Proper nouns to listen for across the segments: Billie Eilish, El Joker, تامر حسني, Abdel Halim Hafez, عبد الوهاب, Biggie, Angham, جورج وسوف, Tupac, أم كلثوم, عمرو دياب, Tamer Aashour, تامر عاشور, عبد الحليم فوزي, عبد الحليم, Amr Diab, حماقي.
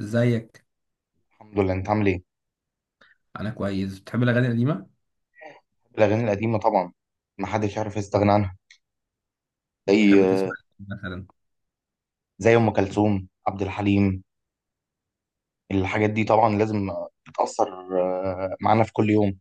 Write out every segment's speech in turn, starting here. ازيك؟ الحمد لله، انت عامل ايه؟ انا كويس. بتحب الاغاني القديمه؟ الاغاني القديمه طبعا. ما حدش يعرف يستغنى عنها. بتحب تسمع زي إيه مثلا؟ زي ام كلثوم، عبد الحليم، الحاجات دي طبعا لازم. بتاثر معانا في كل يوم.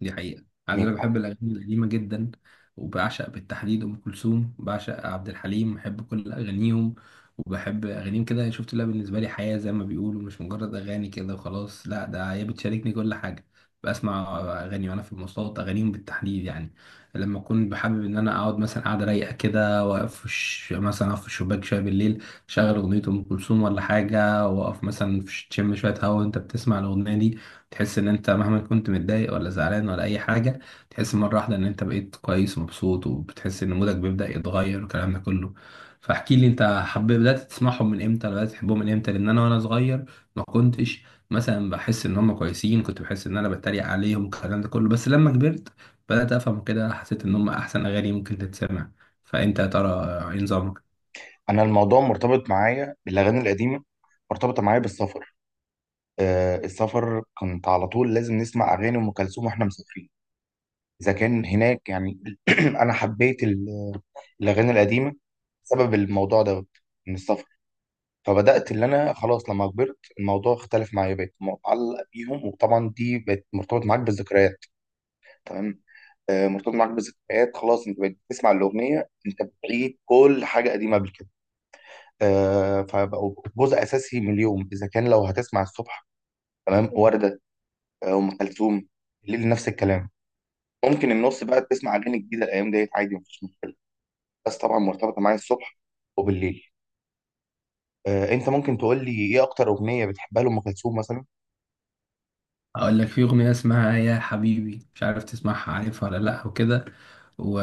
دي حقيقة، عايز مين؟ اقول لك بحب الاغاني القديمة جدا، وبعشق بالتحديد ام كلثوم، بعشق عبد الحليم، بحب كل اغانيهم. وبحب اغانيهم كده، شفت، لها بالنسبة لي حياة زي ما بيقولوا، مش مجرد اغاني كده وخلاص، لا ده هي بتشاركني كل حاجة. بسمع اغاني وانا في المواصلات، اغانيهم بالتحديد يعني. لما اكون بحابب ان انا اقعد مثلا، قاعده رايقه كده، واقف في مثلا اقف في الشباك شويه بالليل، شغل اغنيه ام كلثوم ولا حاجه، واقف مثلا في تشم شويه هوا وانت بتسمع الاغنيه دي، تحس ان انت مهما كنت متضايق ولا زعلان ولا اي حاجه، تحس مره واحده ان انت بقيت كويس ومبسوط، وبتحس ان مودك بيبدا يتغير والكلام ده كله. فاحكي لي انت حبيت، بدات تسمعهم من امتى؟ ولا بدات تحبهم من امتى؟ لان انا وانا صغير ما كنتش مثلا بحس ان هم كويسين، كنت بحس ان انا بتريق عليهم والكلام ده كله، بس لما كبرت بدات افهم كده، حسيت ان هم احسن اغاني ممكن تتسمع. فانت يا ترى ايه نظامك؟ انا الموضوع مرتبط معايا بالاغاني القديمه، مرتبطه معايا بالسفر. السفر كنت على طول لازم نسمع اغاني ام كلثوم واحنا مسافرين. اذا كان هناك يعني. انا حبيت الاغاني القديمه بسبب الموضوع ده، من السفر. فبدات اللي انا خلاص لما كبرت الموضوع اختلف معايا، بقيت متعلق بيهم، وطبعا دي بقت مرتبط معاك بالذكريات. تمام. مرتبط معاك بالذكريات، خلاص انت بقيت بتسمع الاغنيه، انت بتعيد كل حاجه قديمه قبل كده. فبقوا جزء اساسي من اليوم، اذا كان لو هتسمع الصبح تمام ورده، ام كلثوم. الليل نفس الكلام، ممكن النص بقى تسمع اغاني جديده الايام ديت عادي، مفيش مشكله، بس طبعا مرتبطه معايا الصبح وبالليل. انت ممكن تقول لي ايه اكتر اغنيه بتحبها لام كلثوم مثلا؟ اقول لك في اغنيه اسمها يا حبيبي، مش عارف تسمعها، عارفها ولا لا وكده؟ و...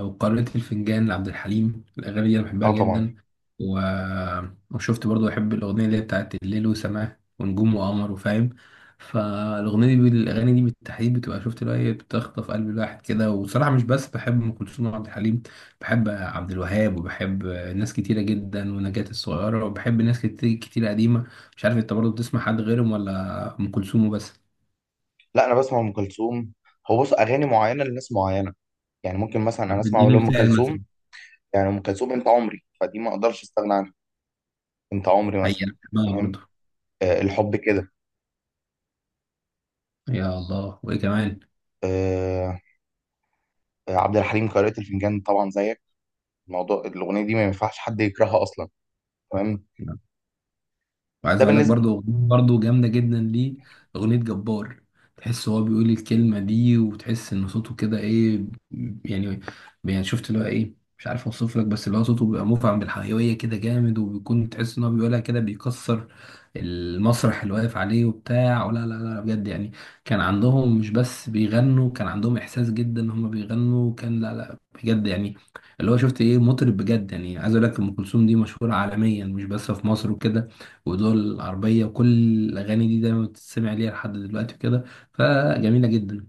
وقارئة الفنجان لعبد الحليم، الاغاني دي انا بحبها اه طبعا. جدا. و... وشفت برضو بحب الاغنيه اللي هي بتاعت الليل وسماه ونجوم وقمر، وفاهم فالاغنيه دي الاغاني دي بالتحديد بتبقى، شفت اللي هي بتخطف قلب الواحد كده. وصراحه مش بس بحب ام كلثوم وعبد الحليم، بحب عبد الوهاب وبحب ناس كتيره جدا ونجاة الصغيره، وبحب ناس كتير كتير قديمه. مش عارف انت برضو بتسمع حد غيرهم ولا ام كلثوم وبس؟ لا انا بسمع ام كلثوم. هو بص اغاني معينه لناس معينه، يعني ممكن مثلا انا طب اسمع اديني لام مثال كلثوم. مثلا. يعني ام كلثوم انت عمري، فدي ما اقدرش استغنى عنها. انت عمري مثلا. حقيقة بحبها تمام. برضه. الحب كده. يا الله، وايه كمان؟ آه. عبد الحليم قارئة الفنجان طبعا زيك. الموضوع الاغنيه دي ما ينفعش حد يكرهها اصلا. تمام. ده وعايز اقول لك بالنسبه. برضو أغنية برضو جامده جدا ليه، اغنيه جبار. تحس هو بيقول الكلمه دي، وتحس ان صوته كده ايه؟ يعني يعني شفت اللي هو ايه، مش عارف اوصف لك، بس اللي هو صوته بيبقى مفعم بالحيويه كده جامد، وبيكون تحس ان هو بيقولها كده بيكسر المسرح اللي واقف عليه وبتاع. ولا لا لا، بجد يعني. كان عندهم مش بس بيغنوا، كان عندهم احساس جدا ان هم بيغنوا. كان لا لا، بجد يعني. اللي هو شفت ايه، مطرب بجد يعني. عايز اقول لك ام كلثوم دي مشهوره عالميا، مش بس في مصر وكده، ودول العربية وكل، الأغاني دي دايما بتتسمع ليها لحد دلوقتي وكده، فجميلة جدا.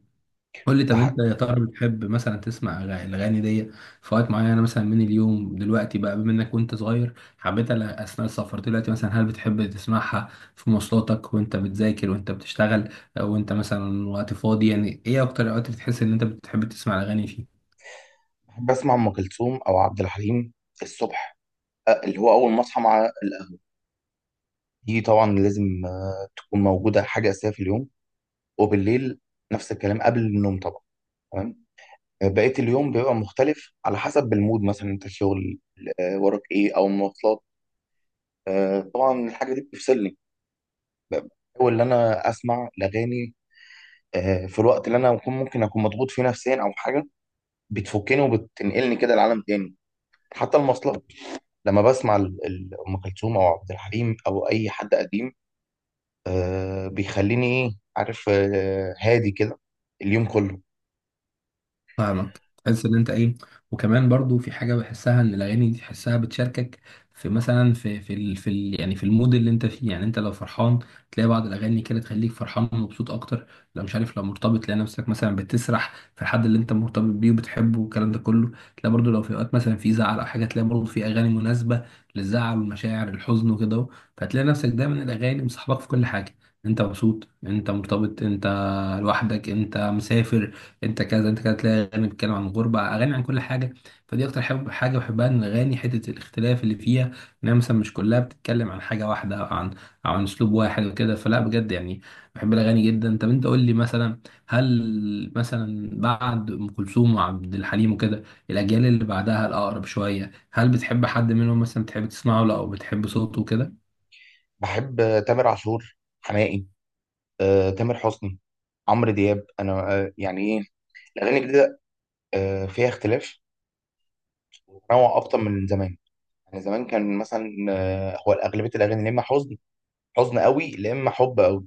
قول لي، طب بح- أنت يا ترى بتحب مثلا تسمع الأغاني دي في وقت معين مثلا من اليوم؟ دلوقتي بقى، بما إنك وأنت صغير حبيتها أثناء السفر، دلوقتي مثلا هل بتحب تسمعها في مواصلاتك وأنت بتذاكر، وأنت بتشتغل، وأنت مثلا وقت فاضي؟ يعني إيه أكتر الأوقات اللي بتحس إن أنت بتحب تسمع الأغاني فيه؟ بحب اسمع ام كلثوم او عبد الحليم الصبح. اللي هو اول ما اصحى مع القهوه، دي طبعا لازم تكون موجوده، حاجه اساسيه في اليوم. وبالليل نفس الكلام قبل النوم طبعا. تمام. بقية اليوم بيبقى مختلف على حسب المود، مثلا انت شغل وراك ايه او مواصلات. آه، طبعا الحاجة دي بتفصلني، اول ان انا اسمع الاغاني في الوقت اللي انا ممكن اكون مضغوط فيه نفسيا او حاجة، بتفكني وبتنقلني كده لعالم تاني. حتى المواصلات لما بسمع ام كلثوم او عبد الحليم او اي حد قديم بيخليني ايه عارف، هادي كده اليوم كله. فاهمك، تحس ان انت ايه. وكمان برضو في حاجه بحسها ان الاغاني دي تحسها بتشاركك في، مثلا في ال يعني في المود اللي انت فيه. يعني انت لو فرحان تلاقي بعض الاغاني كده تخليك فرحان ومبسوط اكتر. لو مش عارف، لو مرتبط تلاقي نفسك مثلا بتسرح في الحد اللي انت مرتبط بيه وبتحبه والكلام ده كله. تلاقي برضو لو في اوقات مثلا في زعل او حاجه، تلاقي برضو في اغاني مناسبه للزعل والمشاعر الحزن وكده اهو. فتلاقي نفسك دايما الاغاني مصاحبك في كل حاجه. انت مبسوط، انت مرتبط، انت لوحدك، انت مسافر، انت كذا انت كذا، تلاقي اغاني بتتكلم عن الغربه، اغاني عن كل حاجه. فدي اكتر حب حاجه بحبها ان الاغاني حته الاختلاف اللي فيها، انها مثلا مش كلها بتتكلم عن حاجه واحده، او عن او عن اسلوب واحد وكده. فلا بجد يعني، بحب الاغاني جدا. طب انت قول لي مثلا، هل مثلا بعد ام كلثوم وعبد الحليم وكده الاجيال اللي بعدها الاقرب شويه، هل بتحب حد منهم مثلا، بتحب تسمعه له او بتحب صوته كده؟ بحب تامر عاشور، حماقي، تامر حسني، عمرو دياب. انا يعني ايه، الاغاني الجديده فيها اختلاف وتنوع اكتر من زمان. يعني زمان كان مثلا هو اغلبيه الاغاني يا اما حزن، حزن قوي، يا اما حب قوي.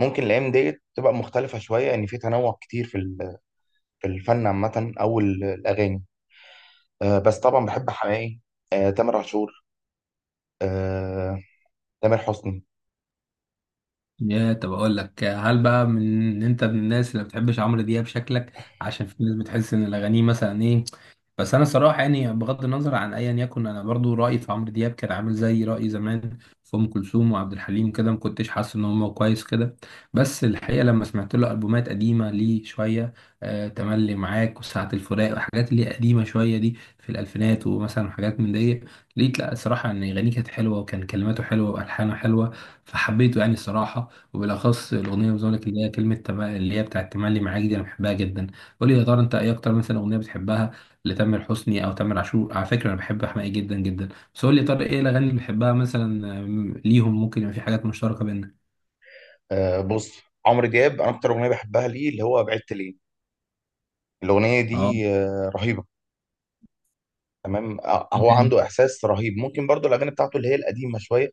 ممكن الايام ديت تبقى مختلفه شويه، يعني في تنوع كتير في في الفن عامه او الاغاني. بس طبعا بحب حماقي، تامر عاشور، آه، تامر حسني. يا طب اقول لك، هل بقى من انت من الناس اللي ما بتحبش عمرو دياب؟ شكلك، عشان في ناس بتحس ان الاغاني مثلا ايه. بس انا صراحه يعني بغض النظر عن ايا يكن، انا برضو رايي في عمرو دياب كان عامل زي رايي زمان في ام كلثوم وعبد الحليم كده، ما كنتش حاسس ان هو كويس كده. بس الحقيقه لما سمعت له البومات قديمه ليه شويه، آه تملي معاك وساعه الفراق والحاجات اللي هي قديمه شويه دي في الالفينات ومثلا حاجات من دي، لقيت لا الصراحه ان اغانيه كانت حلوه، وكان كلماته حلوه، والحانه حلوه. فحبيته يعني الصراحه، وبالاخص الاغنيه اللي بقول لك اللي هي كلمه اللي هي بتاعت تملي معاك دي، انا بحبها جدا. قول لي يا ترى انت ايه اكتر مثلا اغنيه بتحبها لتامر حسني او تامر عاشور؟ على فكره انا بحب حماقي جدا جدا. بس قول لي يا طارق، ايه الاغاني اللي بتحبها مثلا؟ ليهم ممكن يبقى في حاجات مشتركه بيننا. بص عمرو دياب، انا اكتر اغنيه بحبها ليه اللي هو بعدت ليه. الاغنيه اه، دي رهيبه. تمام. هو عنده احساس رهيب، ممكن برضو الاغاني بتاعته اللي هي القديمه شويه،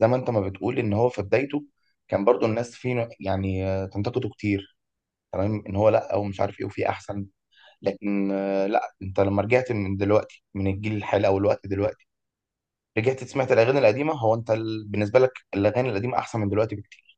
زي ما انت ما بتقول ان هو في بدايته كان برضو الناس فيه يعني تنتقده كتير. تمام، ان هو لا ومش عارف ايه وفي احسن، لكن لا انت لما رجعت من دلوقتي من الجيل الحالي او الوقت دلوقتي، رجعت سمعت الاغاني القديمه. هو انت بالنسبه لك الاغاني القديمه احسن من دلوقتي بكتير.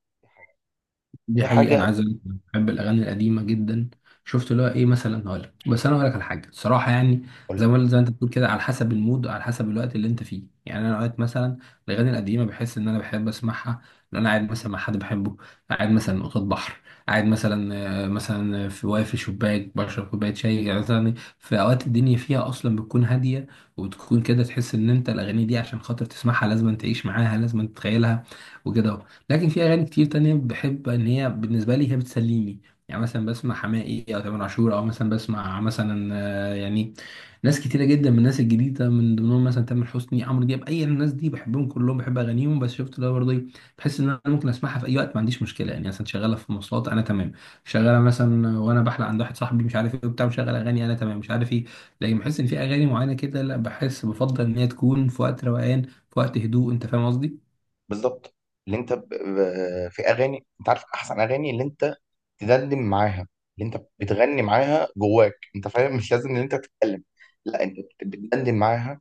دي تاني حقيقة أنا حاجه. عايز أقول لك أنا بحب الأغاني القديمة جدا. شفت اللي هو إيه؟ مثلا هقول لك، بس أنا هقول لك على حاجة الصراحة يعني. زي قول- ما زي ما أنت بتقول كده، على حسب المود، على حسب الوقت اللي أنت فيه. يعني أنا أوقات مثلا الأغاني القديمة بحس إن أنا بحب أسمعها لأن أنا قاعد مثلا مع حد بحبه، قاعد مثلا قصاد بحر، قاعد مثلا مثلا في، واقف في شباك بشرب كوباية شاي يعني مثلا، في أوقات الدنيا فيها أصلا بتكون هادية، وبتكون كده تحس إن أنت الأغاني دي عشان خاطر تسمعها لازم تعيش معاها، لازم تتخيلها وكده. لكن في اغاني كتير تانية بحب ان هي بالنسبه لي هي بتسليني. يعني مثلا بسمع حماقي او تامر عاشور، او مثلا بسمع مثلا آه، يعني ناس كتيره جدا من الناس الجديده، من ضمنهم مثلا تامر حسني، عمرو دياب، اي الناس دي بحبهم كلهم، بحب اغانيهم. بس شفت اللي هو برضه إيه، بحس ان انا ممكن اسمعها في اي وقت، ما عنديش مشكله. يعني مثلا شغاله في مواصلات انا تمام، شغاله مثلا وانا بحلق عند واحد صاحبي مش عارف ايه وبتاع مشغل اغاني انا تمام مش عارف ايه. لكن بحس ان في اغاني معينه كده لا، بحس بفضل ان هي تكون في وقت روقان، في وقت هدوء. انت فاهم قصدي؟ بالظبط. اللي انت في اغاني انت عارف، احسن اغاني اللي انت تدندن معاها، اللي انت بتغني معاها جواك انت فاهم، مش لازم ان انت تتكلم، لا انت بتدندن معاها.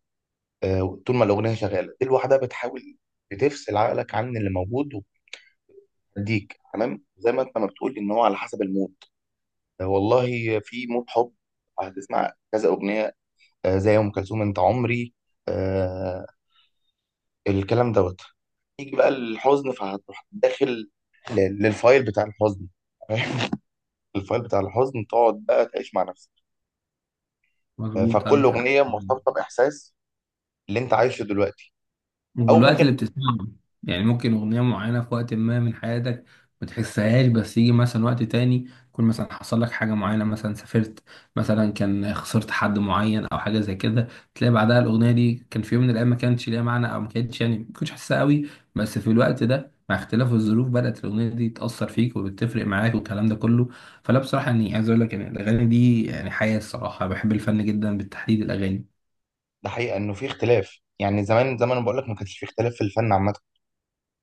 طول ما الاغنيه شغاله دي لوحدها بتحاول بتفصل عقلك عن اللي موجود، وبتديك تمام، زي ما انت ما بتقول ان هو على حسب المود. آه، والله في مود حب هتسمع كذا اغنيه، زي ام كلثوم انت عمري. آه، الكلام دوت. يجي بقى الحزن فهتروح داخل للفايل بتاع الحزن. الفايل بتاع الحزن، تقعد بقى تعيش مع نفسك. مظبوط، فكل عندك حق. اغنيه مرتبطه باحساس اللي انت عايشه دلوقتي، او والوقت اللي ممكن. بتسمعه. يعني ممكن أغنية معينة في وقت ما من حياتك ما تحسهاش، بس يجي مثلا وقت تاني يكون مثلا حصل لك حاجة معينة، مثلا سافرت، مثلا كان خسرت حد معين أو حاجة زي كده، تلاقي بعدها الأغنية دي كان في يوم من الأيام ما كانتش ليها معنى، أو ما كانتش يعني ما كنتش حاسسها قوي، بس في الوقت ده مع اختلاف الظروف بدأت الأغنية دي تأثر فيك وبتفرق معاك والكلام ده كله. فلا بصراحة يعني عايز أقول لك إن الأغاني دي يعني حياة الصراحة. بحب الفن جدا، بالتحديد الأغاني. ده حقيقة انه في اختلاف، يعني زمان زمان انا بقول لك ما كانش في اختلاف في الفن عامة.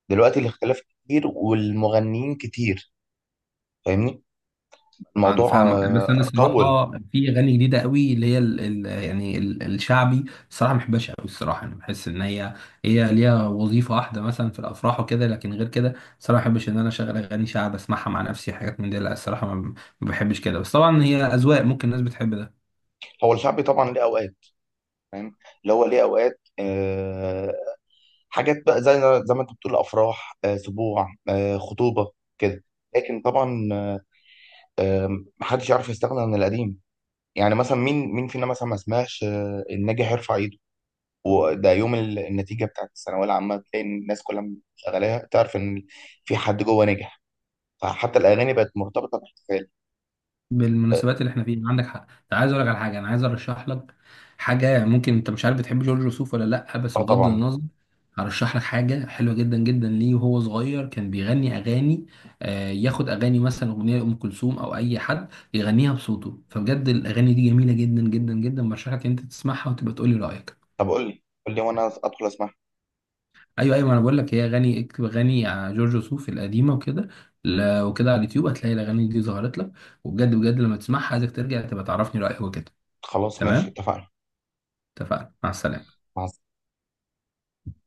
دلوقتي الاختلاف كتير والمغنيين كتير، فاهمني. انا الموضوع فاهمك، بس انا طول. الصراحه في اغاني جديده قوي اللي هي ال يعني ال الشعبي، الصراحه ما بحبهاش قوي. الصراحه انا بحس ان هي، هي ليها وظيفه واحده مثلا في الافراح وكده، لكن غير كده الصراحه ما بحبش ان انا اشغل اغاني شعب، اسمعها مع نفسي، حاجات من دي لا، الصراحه ما بحبش كده. بس طبعا هي اذواق، ممكن الناس بتحب ده. هو الشعبي طبعا ليه اوقات، فاهم، اللي هو ليه اوقات حاجات بقى زي ما انت بتقول افراح، سبوع، خطوبة كده. لكن طبعا آه، محدش يعرف يستغنى عن القديم. يعني مثلا مين مين فينا مثلا ما سمعش الناجح يرفع ايده. وده يوم النتيجه بتاعت الثانويه العامه بتلاقي ان الناس كلها شغاله تعرف ان في حد جوه نجح، فحتى الاغاني بقت مرتبطه باحتفال. اه. بالمناسبات اللي احنا فيها عندك حق. انت، عايز اقول لك على حاجه، انا عايز ارشح لك حاجه. ممكن انت مش عارف، بتحب جورج وسوف ولا لا؟ بس آه، بغض طبعا. النظر، هرشح لك حاجه حلوه جدا جدا ليه. وهو صغير كان بيغني اغاني، آه ياخد اغاني مثلا اغنيه لام كلثوم او اي حد، يغنيها بصوته. فبجد الاغاني دي جميله جدا جدا جدا، برشح لك انت تسمعها وتبقى تقول لي رايك. طب قول لي قول لي وانا ادخل اسمع. ايوه ايوه، ما انا بقول لك هي اغاني، اكتب اغاني جورج وسوف القديمه وكده، وكده على اليوتيوب هتلاقي الاغاني دي ظهرت لك. وبجد بجد لما تسمعها عايزك ترجع تبقى تعرفني رايك وكده. خلاص ماشي تمام، اتفقنا. اتفقنا، مع السلامة. مع